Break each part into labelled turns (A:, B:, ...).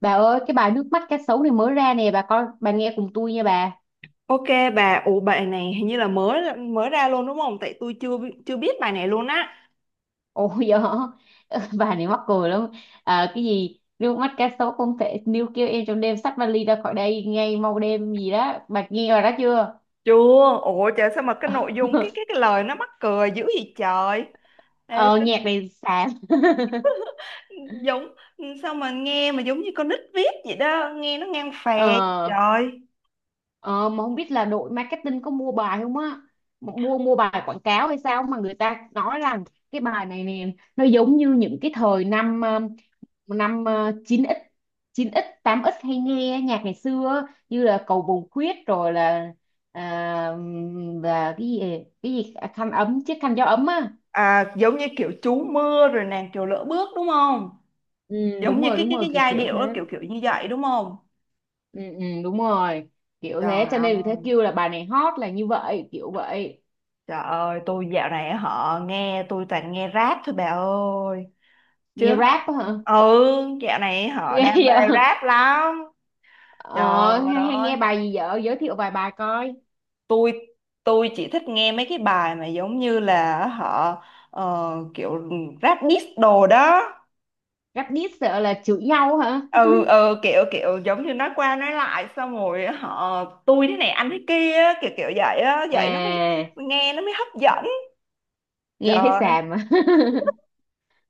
A: Bà ơi, cái bài nước mắt cá sấu này mới ra nè, bà coi, bà nghe cùng tôi nha bà.
B: Ok bà, ủa bài này hình như là mới mới ra luôn đúng không? Tại tôi chưa biết bài này luôn á.
A: Ôi giời, bà này mắc cười lắm. À, cái gì, nước mắt cá sấu không thể, níu kêu em trong đêm xách vali ra khỏi đây, ngay mau đêm gì đó. Bà nghe rồi đó chưa?
B: Chưa, ủa trời sao mà cái nội dung cái cái cái lời nó mắc cười dữ vậy trời. Ê,
A: Ờ, nhạc này xàm.
B: giống sao mà nghe mà giống như con nít viết vậy đó, nghe nó ngang phè
A: Ờ,
B: trời.
A: ờ, mà không biết là đội marketing có mua bài không á. Mua mua bài quảng cáo hay sao mà người ta nói rằng cái bài này nè, nó giống như những cái thời năm năm ờ, 9x 9x 8x hay nghe nhạc ngày xưa á, như là Cầu Vồng Khuyết rồi là và khăn ấm chiếc khăn gió ấm á.
B: À giống như kiểu chú mưa rồi nàng kiều lỡ bước đúng không?
A: Ừ,
B: Giống
A: đúng
B: như
A: rồi,
B: cái
A: đúng
B: cái
A: rồi,
B: cái
A: kiểu
B: giai
A: kiểu
B: điệu
A: thế.
B: đó kiểu kiểu như vậy đúng không?
A: Ừ, ừ, đúng rồi, kiểu
B: Trời
A: thế cho nên vì thế
B: ơi,
A: kêu là bài này hot là như vậy, kiểu vậy.
B: trời ơi, tôi dạo này họ nghe tôi toàn nghe rap thôi bà ơi.
A: Nghe
B: Chưa hả?
A: rap á hả?
B: Ừ, dạo này họ
A: Ghê
B: đam mê
A: vậy.
B: rap lắm.
A: Ờ,
B: Trời
A: hay, hay
B: ơi,
A: nghe bài gì vợ giới thiệu vài bài coi.
B: tôi tôi chỉ thích nghe mấy cái bài mà giống như là họ ờ, kiểu rap diss đồ đó.
A: Rap diss sợ là chửi nhau hả?
B: Ừ ừ kiểu kiểu giống như nói qua nói lại xong rồi họ tôi thế này anh thế kia á, kiểu kiểu vậy á, vậy nó mới
A: À,
B: nghe nó mới hấp dẫn. Trời
A: nghe thấy
B: ơi,
A: xàm mà.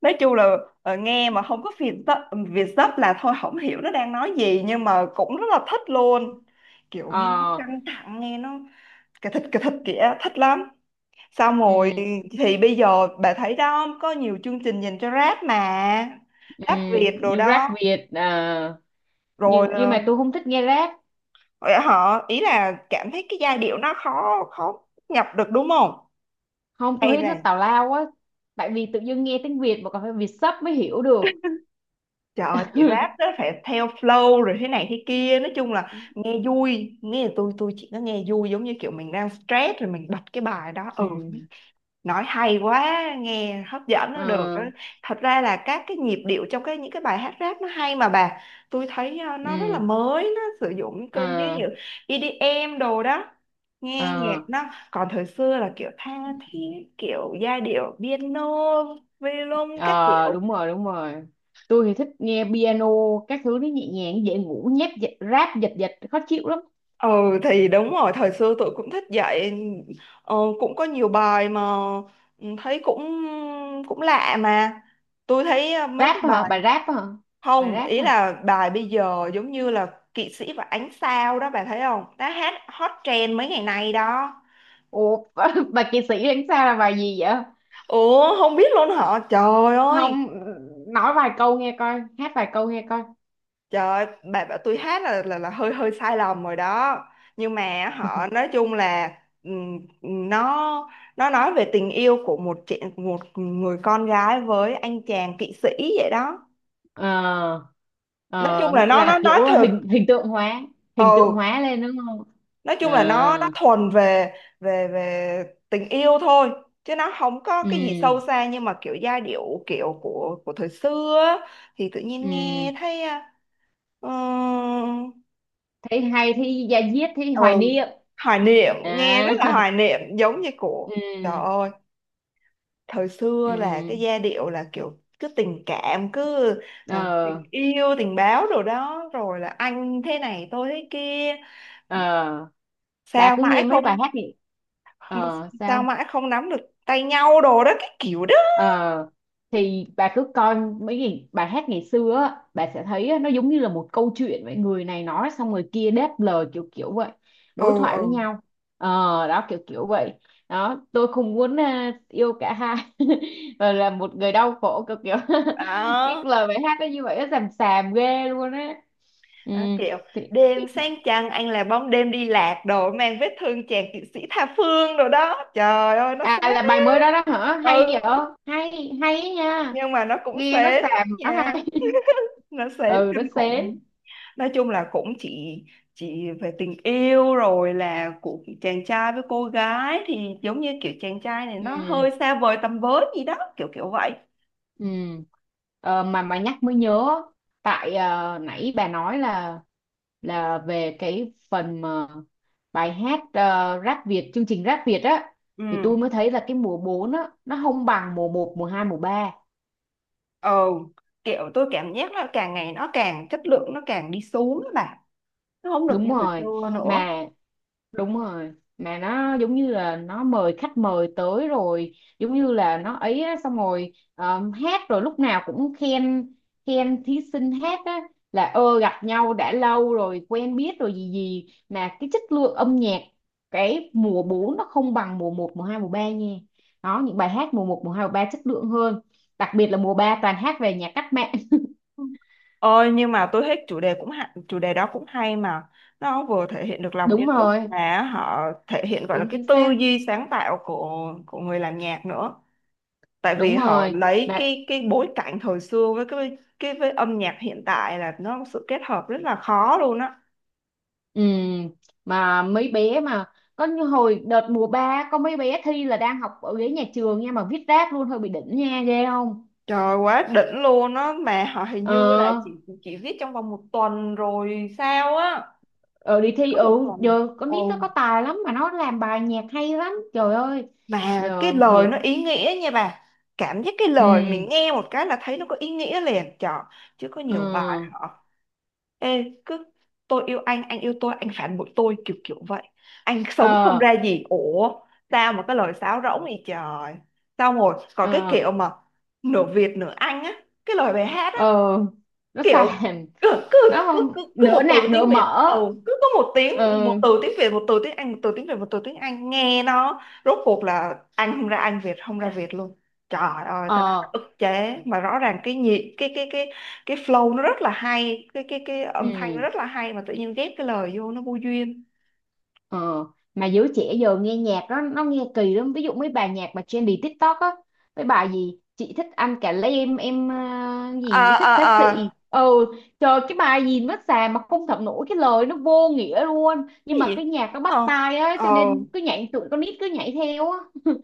B: nói chung là nghe mà không có Việt dấp là thôi không hiểu nó đang nói gì nhưng mà cũng rất là thích luôn kiểu
A: Ờ.
B: nghe nó căng thẳng nghe nó cái thịt kìa thích lắm xong rồi
A: Ừ.
B: thì bây giờ bà thấy đó có nhiều chương trình dành cho rap mà rap Việt đồ
A: Như rap
B: đó
A: Việt à,
B: rồi
A: nhưng nhưng mà tôi không thích nghe rap.
B: họ ý là cảm thấy cái giai điệu nó khó khó nhập được đúng không
A: Không, tôi
B: hay
A: thấy nó
B: là.
A: tào lao quá, tại vì tự dưng nghe tiếng Việt mà còn phải Việt sub mới hiểu được.
B: Trời ơi, thì rap nó phải theo flow rồi thế này thế kia, nói chung là nghe vui nghe tôi chỉ có nghe vui giống như kiểu mình đang stress rồi mình bật cái bài đó,
A: Ừ,
B: ừ nói hay quá nghe hấp dẫn nó được đó.
A: ờ,
B: Thật ra là các cái nhịp điệu trong cái những cái bài hát rap nó hay mà bà, tôi thấy nó rất là
A: ừ,
B: mới nó sử dụng những cơn như
A: ờ,
B: như EDM đồ đó nghe nhạc
A: ờ,
B: nó còn thời xưa là kiểu tha thiết kiểu giai điệu piano violon các
A: ờ,
B: kiểu.
A: đúng rồi, đúng rồi. Tôi thì thích nghe piano các thứ, nó nhẹ nhàng dễ ngủ, nhép dệt- rap giật giật khó chịu lắm.
B: Ừ thì đúng rồi, thời xưa tụi cũng thích vậy, ờ, cũng có nhiều bài mà, ừ, thấy cũng cũng lạ mà. Tôi thấy mấy
A: Rap
B: cái
A: hả
B: bài
A: bà, rap hả? Bà
B: không,
A: rap
B: ý
A: hả?
B: là bài bây giờ giống như là Kỵ sĩ và ánh sao đó bà thấy không? Đã hát hot trend mấy ngày nay đó.
A: Ủa, bà kỳ sĩ đánh sao là bài gì vậy?
B: Ủa không biết luôn hả? Trời ơi.
A: Không. Nói vài câu nghe coi, hát vài câu nghe coi.
B: Trời ơi, bà bảo tôi hát là hơi hơi sai lầm rồi đó. Nhưng mà họ nói chung là ừm, nó nó nói về tình yêu của một chị một người con gái với anh chàng kỵ sĩ vậy đó.
A: Ờ.
B: Nói chung
A: Ờ,
B: là
A: nghĩa
B: nó
A: là
B: nói
A: kiểu
B: thật.
A: hình hình tượng hóa, hình tượng
B: Ừ,
A: hóa lên đúng không?
B: nói
A: Ờ.
B: chung là nó thuần về về về tình yêu thôi, chứ nó không có cái gì
A: Ừ.
B: sâu xa nhưng mà kiểu giai điệu kiểu của thời xưa á, thì tự nhiên
A: Ừ,
B: nghe thấy uh,
A: thấy hay, thấy da diết, thấy hoài
B: ừ
A: niệm.
B: hoài niệm nghe
A: À,
B: rất là hoài niệm giống như của trời
A: ừ.
B: ơi thời xưa là cái
A: Ừ.
B: giai điệu là kiểu cứ tình cảm cứ tình
A: Ờ.
B: yêu tình báo rồi đó rồi là anh thế này tôi thế kia
A: Ờ, bà
B: sao
A: cứ
B: mãi
A: nghe mấy bài
B: không
A: hát thì ờ,
B: sao
A: sao.
B: mãi không nắm được tay nhau đồ đó cái kiểu đó
A: Ờ, thì bà cứ coi mấy cái bài hát ngày xưa á, bà sẽ thấy á, nó giống như là một câu chuyện vậy, người này nói xong người kia đáp lời, kiểu kiểu vậy.
B: ừ
A: Đối thoại với
B: ừ
A: nhau. Ờ. Đó kiểu kiểu vậy. Đó tôi không muốn à, yêu cả hai và là một người đau khổ, kiểu kiểu cái
B: đó,
A: lời bài hát nó như vậy, nó xàm xàm ghê luôn á. Ừ,
B: đó kiểu
A: thì,
B: đêm sáng trăng anh là bóng đêm đi lạc đồ mang vết thương chàng kỵ sĩ tha phương đồ đó trời ơi nó xé
A: à, là bài mới đó đó hả, hay vậy.
B: ừ
A: Hay, hay á nha.
B: nhưng mà nó cũng
A: Nghe nó
B: sến
A: xàm nó
B: nha
A: hay.
B: nó sến
A: Ừ, nó
B: kinh
A: sến.
B: khủng nói chung là cũng chỉ về tình yêu rồi là của chàng trai với cô gái thì giống như kiểu chàng trai này nó
A: Ừ.
B: hơi xa vời tầm với gì đó kiểu kiểu vậy.
A: Ừ. Ờ, mà nhắc mới nhớ, tại nãy bà nói là về cái phần mà bài hát Rap Việt, chương trình Rap Việt á,
B: Ừ
A: thì tôi mới thấy là cái mùa 4 á nó không bằng mùa một mùa 2 mùa ba.
B: ờ kiểu tôi cảm giác là càng ngày nó càng chất lượng nó càng đi xuống đó bà, nó không được
A: Đúng
B: như thời
A: rồi.
B: xưa nữa.
A: Mà đúng rồi, mà nó giống như là nó mời khách mời tới rồi, giống như là nó ấy á, xong rồi hát rồi lúc nào cũng khen, khen thí sinh hát á, là ơ gặp nhau đã lâu rồi quen biết rồi gì gì, mà cái chất lượng âm nhạc cái mùa 4 nó không bằng mùa một mùa 2 mùa 3 nha. Đó những bài hát mùa một mùa 2 mùa 3 chất lượng hơn, đặc biệt là mùa 3 toàn hát về nhà cách mạng.
B: Ôi nhưng mà tôi thích chủ đề cũng hay, chủ đề đó cũng hay mà nó vừa thể hiện được lòng yêu
A: Đúng
B: nước
A: rồi.
B: mà họ thể hiện gọi là
A: Đúng
B: cái
A: chính
B: tư
A: xác.
B: duy sáng tạo của người làm nhạc nữa tại vì
A: Đúng
B: họ
A: rồi
B: lấy
A: mà.
B: cái bối cảnh thời xưa với cái với âm nhạc hiện tại là nó một sự kết hợp rất là khó luôn á
A: Ừ, mà mấy bé mà có như hồi đợt mùa ba có mấy bé thi là đang học ở ghế nhà trường nha, mà viết rác luôn, hơi bị đỉnh nha, ghê không.
B: trời quá đỉnh luôn á mà họ hình
A: Ờ,
B: như là chỉ viết trong vòng một tuần rồi sao á
A: ờ đi
B: chỉ
A: thi.
B: có một
A: Ừ,
B: tuần
A: giờ con
B: ừ.
A: nít nó có tài lắm, mà nó làm bài nhạc hay lắm, trời ơi.
B: Mà cái
A: Giờ
B: lời
A: thiệt.
B: nó ý nghĩa nha bà. Cảm giác cái lời mình
A: Ừ.
B: nghe một cái là thấy nó có ý nghĩa liền trời. Chứ có
A: Ờ.
B: nhiều bài họ, Ê cứ tôi yêu anh yêu tôi, anh phản bội tôi kiểu kiểu vậy. Anh
A: Ờ.
B: sống không ra gì. Ủa sao mà cái lời sáo rỗng vậy trời. Xong rồi còn cái
A: Ờ.
B: kiểu mà nửa Việt nửa Anh á. Cái lời bài hát á
A: Ờ. Nó
B: kiểu
A: sàn.
B: cứ cứ
A: Nó
B: cứ
A: không
B: cứ, cứ
A: nửa
B: một từ
A: nạc nửa
B: tiếng Việt,
A: mỡ.
B: ừ, cứ có một tiếng một
A: Ừ.
B: từ tiếng Việt một từ tiếng Anh một từ tiếng Việt một từ tiếng Anh nghe nó rốt cuộc là Anh không ra Anh Việt không ra Việt luôn. Trời ơi tao đã
A: Ờ.
B: ức chế mà rõ ràng cái nhị cái cái flow nó rất là hay cái âm thanh nó
A: Ừ.
B: rất là hay mà tự nhiên ghép cái lời vô nó vô duyên.
A: Ờ, mà giới trẻ giờ nghe nhạc đó nó nghe kỳ lắm, ví dụ mấy bài nhạc mà trendy TikTok á, mấy bài gì chị thích anh cả lấy em à,
B: À,
A: gì thích xá
B: à,
A: xị
B: à,
A: trời cái bài gì nó xàm mà không thẩm nổi, cái lời nó vô nghĩa luôn, nhưng
B: cái
A: mà cái
B: gì,
A: nhạc nó bắt
B: ờ
A: tai á,
B: ờ
A: cho nên cứ nhảy, tụi con nít cứ nhảy theo á.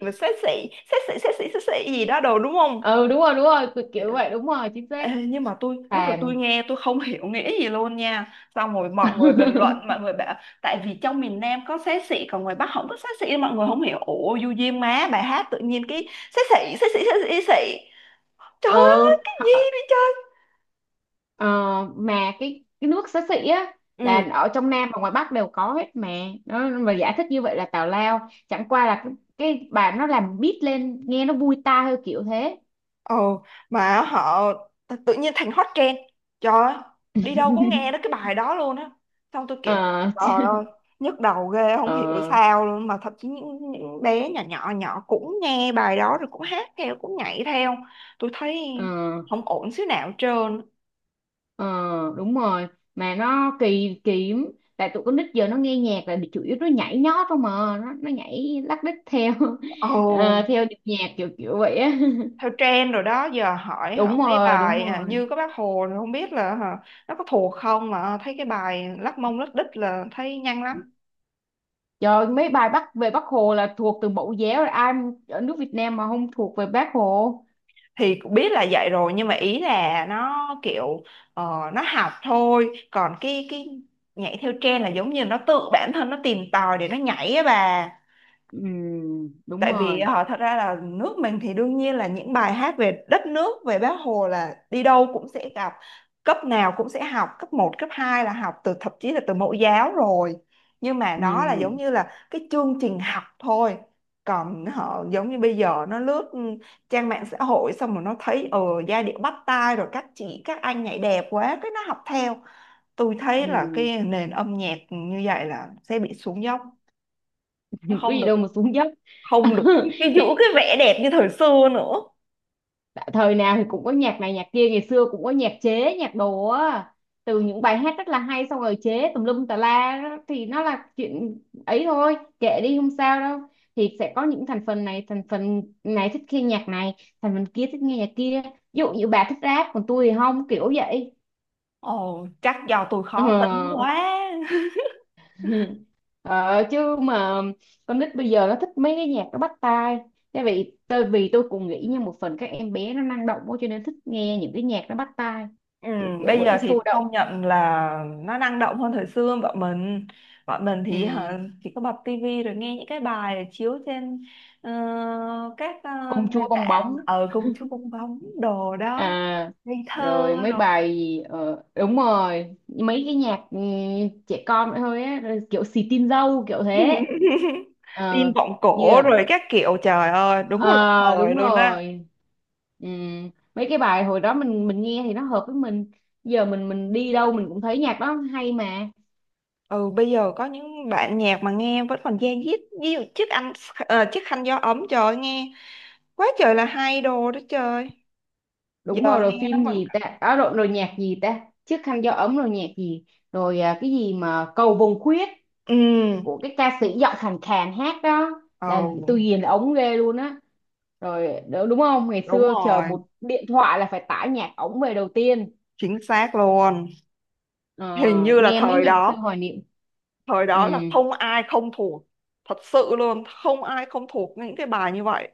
B: mà xế xị xế xị xế xị gì đó đồ đúng không.
A: Ừ, đúng rồi, đúng rồi, kiểu
B: Dạ.
A: kiểu vậy, đúng rồi, chính xác.
B: Ê, nhưng mà tôi lúc đó
A: Xàm.
B: tôi nghe tôi không hiểu nghĩa gì luôn nha xong rồi mọi người bình luận mọi người bảo tại vì trong miền Nam có xế xị còn ngoài Bắc không có xế xị mọi người không hiểu ủa du duyên má bài hát tự nhiên cái xế xị xế xị xế xị xế xị trời
A: Ờ.
B: ơi cái gì vậy trời
A: Ờ, mà cái nước xá xị á
B: ừ.
A: là ở trong Nam và ngoài Bắc đều có hết mà, nó mà giải thích như vậy là tào lao, chẳng qua là cái bà nó làm beat lên nghe nó vui tai, hơi kiểu thế.
B: Ồ, mà họ tự nhiên thành hot trend. Trời ơi, đi đâu cũng nghe đó cái bài đó luôn á. Xong tôi kiểu,
A: Ờ.
B: trời ơi, nhức đầu ghê, không
A: Ờ.
B: hiểu sao luôn. Mà thậm chí những bé nhỏ nhỏ nhỏ cũng nghe bài đó rồi cũng hát theo, cũng nhảy theo. Tôi thấy
A: Ờ.
B: không ổn xíu nào hết trơn.
A: Ờ, đúng rồi, mà nó kỳ kỳ lắm. Tại tụi con nít giờ nó nghe nhạc là chủ yếu nó nhảy nhót không mà, nó nhảy lắc đích theo
B: Ồ,
A: theo nhịp nhạc kiểu kiểu vậy á.
B: theo trend rồi đó, giờ hỏi hỏi
A: Đúng
B: mấy
A: rồi, đúng
B: bài à,
A: rồi.
B: như các bác Hồ rồi không biết là hả, nó có thuộc không mà à, thấy cái bài lắc mông lắc đít là thấy nhanh lắm.
A: Trời, mấy bài Bắc về Bác Hồ là thuộc từ mẫu giáo rồi, ai ở nước Việt Nam mà không thuộc về Bác Hồ.
B: Thì cũng biết là vậy rồi nhưng mà ý là nó kiểu nó học thôi còn cái nhảy theo trend là giống như nó tự bản thân nó tìm tòi để nó nhảy á bà
A: Ừ, đúng
B: tại vì
A: rồi.
B: họ thật ra là nước mình thì đương nhiên là những bài hát về đất nước về Bác Hồ là đi đâu cũng sẽ gặp cấp nào cũng sẽ học cấp một cấp 2 là học từ thậm chí là từ mẫu giáo rồi nhưng mà
A: Ừ,
B: đó là giống như là cái chương trình học thôi còn họ giống như bây giờ nó lướt trang mạng xã hội xong rồi nó thấy giai điệu bắt tai rồi các chị các anh nhảy đẹp quá cái nó học theo tôi thấy là
A: ừ.
B: cái nền âm nhạc như vậy là sẽ bị xuống dốc nó
A: Có
B: không
A: gì
B: được
A: đâu mà xuống dốc.
B: không được cái, cái giữ cái
A: Thì
B: vẻ đẹp như thời xưa nữa.
A: thời nào thì cũng có nhạc này nhạc kia, ngày xưa cũng có nhạc chế, nhạc đồ á. Từ những bài hát rất là hay xong rồi chế tùm lum tà la đó, thì nó là chuyện ấy thôi, kệ đi không sao đâu. Thì sẽ có những thành phần này thích nghe nhạc này, thành phần kia thích nghe nhạc kia. Ví dụ như bà thích rap còn tôi thì không, kiểu vậy.
B: Ồ chắc do tôi
A: Ờ.
B: khó tính quá
A: Ờ, chứ mà con nít bây giờ nó thích mấy cái nhạc nó bắt tai, tại vì tôi cũng nghĩ như một phần các em bé nó năng động quá cho nên thích nghe những cái nhạc nó bắt tai,
B: ừ,
A: kiểu kiểu
B: bây
A: vậy
B: giờ
A: nó sôi
B: thì
A: động.
B: công nhận là nó năng động hơn thời xưa bọn mình thì
A: Ừ.
B: hả, chỉ có bật tivi rồi nghe những cái bài chiếu trên ờ, các
A: Công chúa
B: nền
A: bong
B: tảng
A: bóng.
B: ở công chúa công bóng đồ đó
A: À,
B: ngây thơ
A: rồi mấy
B: rồi
A: bài gì, ờ, đúng rồi mấy cái nhạc ừ, trẻ con vậy thôi á, rồi kiểu xì tin dâu kiểu thế.
B: tin
A: Ờ,
B: vọng
A: như
B: cổ
A: là.
B: rồi các kiểu trời ơi đúng một là
A: Ờ
B: thời
A: đúng
B: luôn á.
A: rồi. Ừ. Mấy cái bài hồi đó mình nghe thì nó hợp với mình, giờ mình đi đâu mình cũng thấy nhạc đó hay mà.
B: Ừ, bây giờ có những đoạn nhạc mà nghe vẫn còn da diết ví dụ chiếc anh chiếc khăn gió ấm trời ơi, nghe quá trời là hay đồ đó trời
A: Đúng
B: giờ
A: rồi, rồi
B: nghe nó
A: phim
B: vẫn
A: gì ta, à, rồi, rồi nhạc gì ta. Chiếc khăn gió ấm, rồi nhạc gì, rồi à, cái gì mà cầu vồng khuyết
B: ừ
A: của cái ca sĩ giọng khàn khàn hát đó là tôi
B: ừ
A: ghiền ống ghê luôn á. Rồi đ- đúng không, ngày
B: đúng
A: xưa chờ
B: rồi
A: một điện thoại là phải tải nhạc ống về đầu tiên.
B: chính xác luôn
A: Ờ,
B: hình như là
A: nghe mấy
B: thời
A: nhạc xưa
B: đó
A: hoài niệm.
B: thời
A: Ừ,
B: đó là không ai không thuộc thật sự luôn không ai không thuộc những cái bài như vậy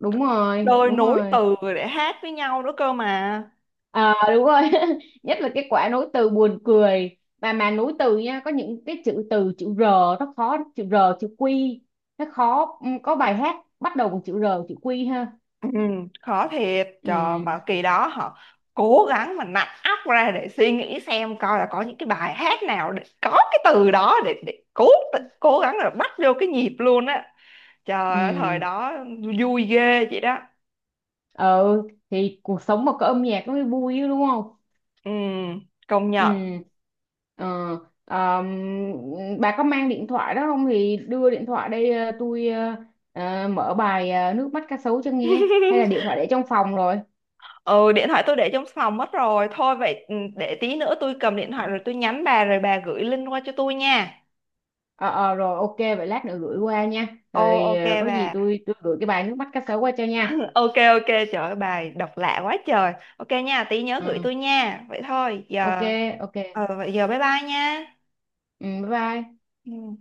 A: đúng rồi,
B: đời
A: đúng
B: nối
A: rồi.
B: từ để hát với nhau nữa cơ mà.
A: Ờ đúng rồi. Nhất là cái quả nối từ buồn cười, mà nối từ nha, có những cái chữ từ chữ R nó khó, chữ R chữ Q nó khó. Ừ, có bài hát bắt đầu bằng chữ R chữ Q ha.
B: Ừ, khó thiệt trời
A: Ừ.
B: mà kỳ đó họ cố gắng mà nặn óc ra để suy nghĩ xem coi là có những cái bài hát nào để có cái từ đó để cố cố gắng là bắt vô cái nhịp luôn á trời ơi, thời
A: Ừ.
B: đó vui ghê vậy đó
A: Ừ, thì cuộc sống mà có âm nhạc nó mới vui chứ, đúng không.
B: ừ, công nhận.
A: Ừ. Ờ. ờm, bà có mang điện thoại đó không thì đưa điện thoại đây, tôi mở bài nước mắt cá sấu cho nghe, hay là điện thoại để trong phòng rồi.
B: Ừ điện thoại tôi để trong phòng mất rồi thôi vậy ừ, để tí nữa tôi cầm điện thoại rồi tôi nhắn bà rồi bà gửi link qua cho tôi nha.
A: Ờ, ờ, rồi ok, vậy lát nữa gửi qua nha.
B: Ồ
A: Rồi
B: ok
A: có gì
B: bà.
A: tôi gửi cái bài nước mắt cá sấu qua cho nha.
B: Ok ok trời ơi, bài đọc lạ quá trời ok nha tí nhớ gửi
A: Ừ,
B: tôi nha vậy thôi
A: ok,
B: giờ
A: ok.
B: ờ vậy giờ bye bye nha.
A: Ừ, bye bye.
B: Ừ.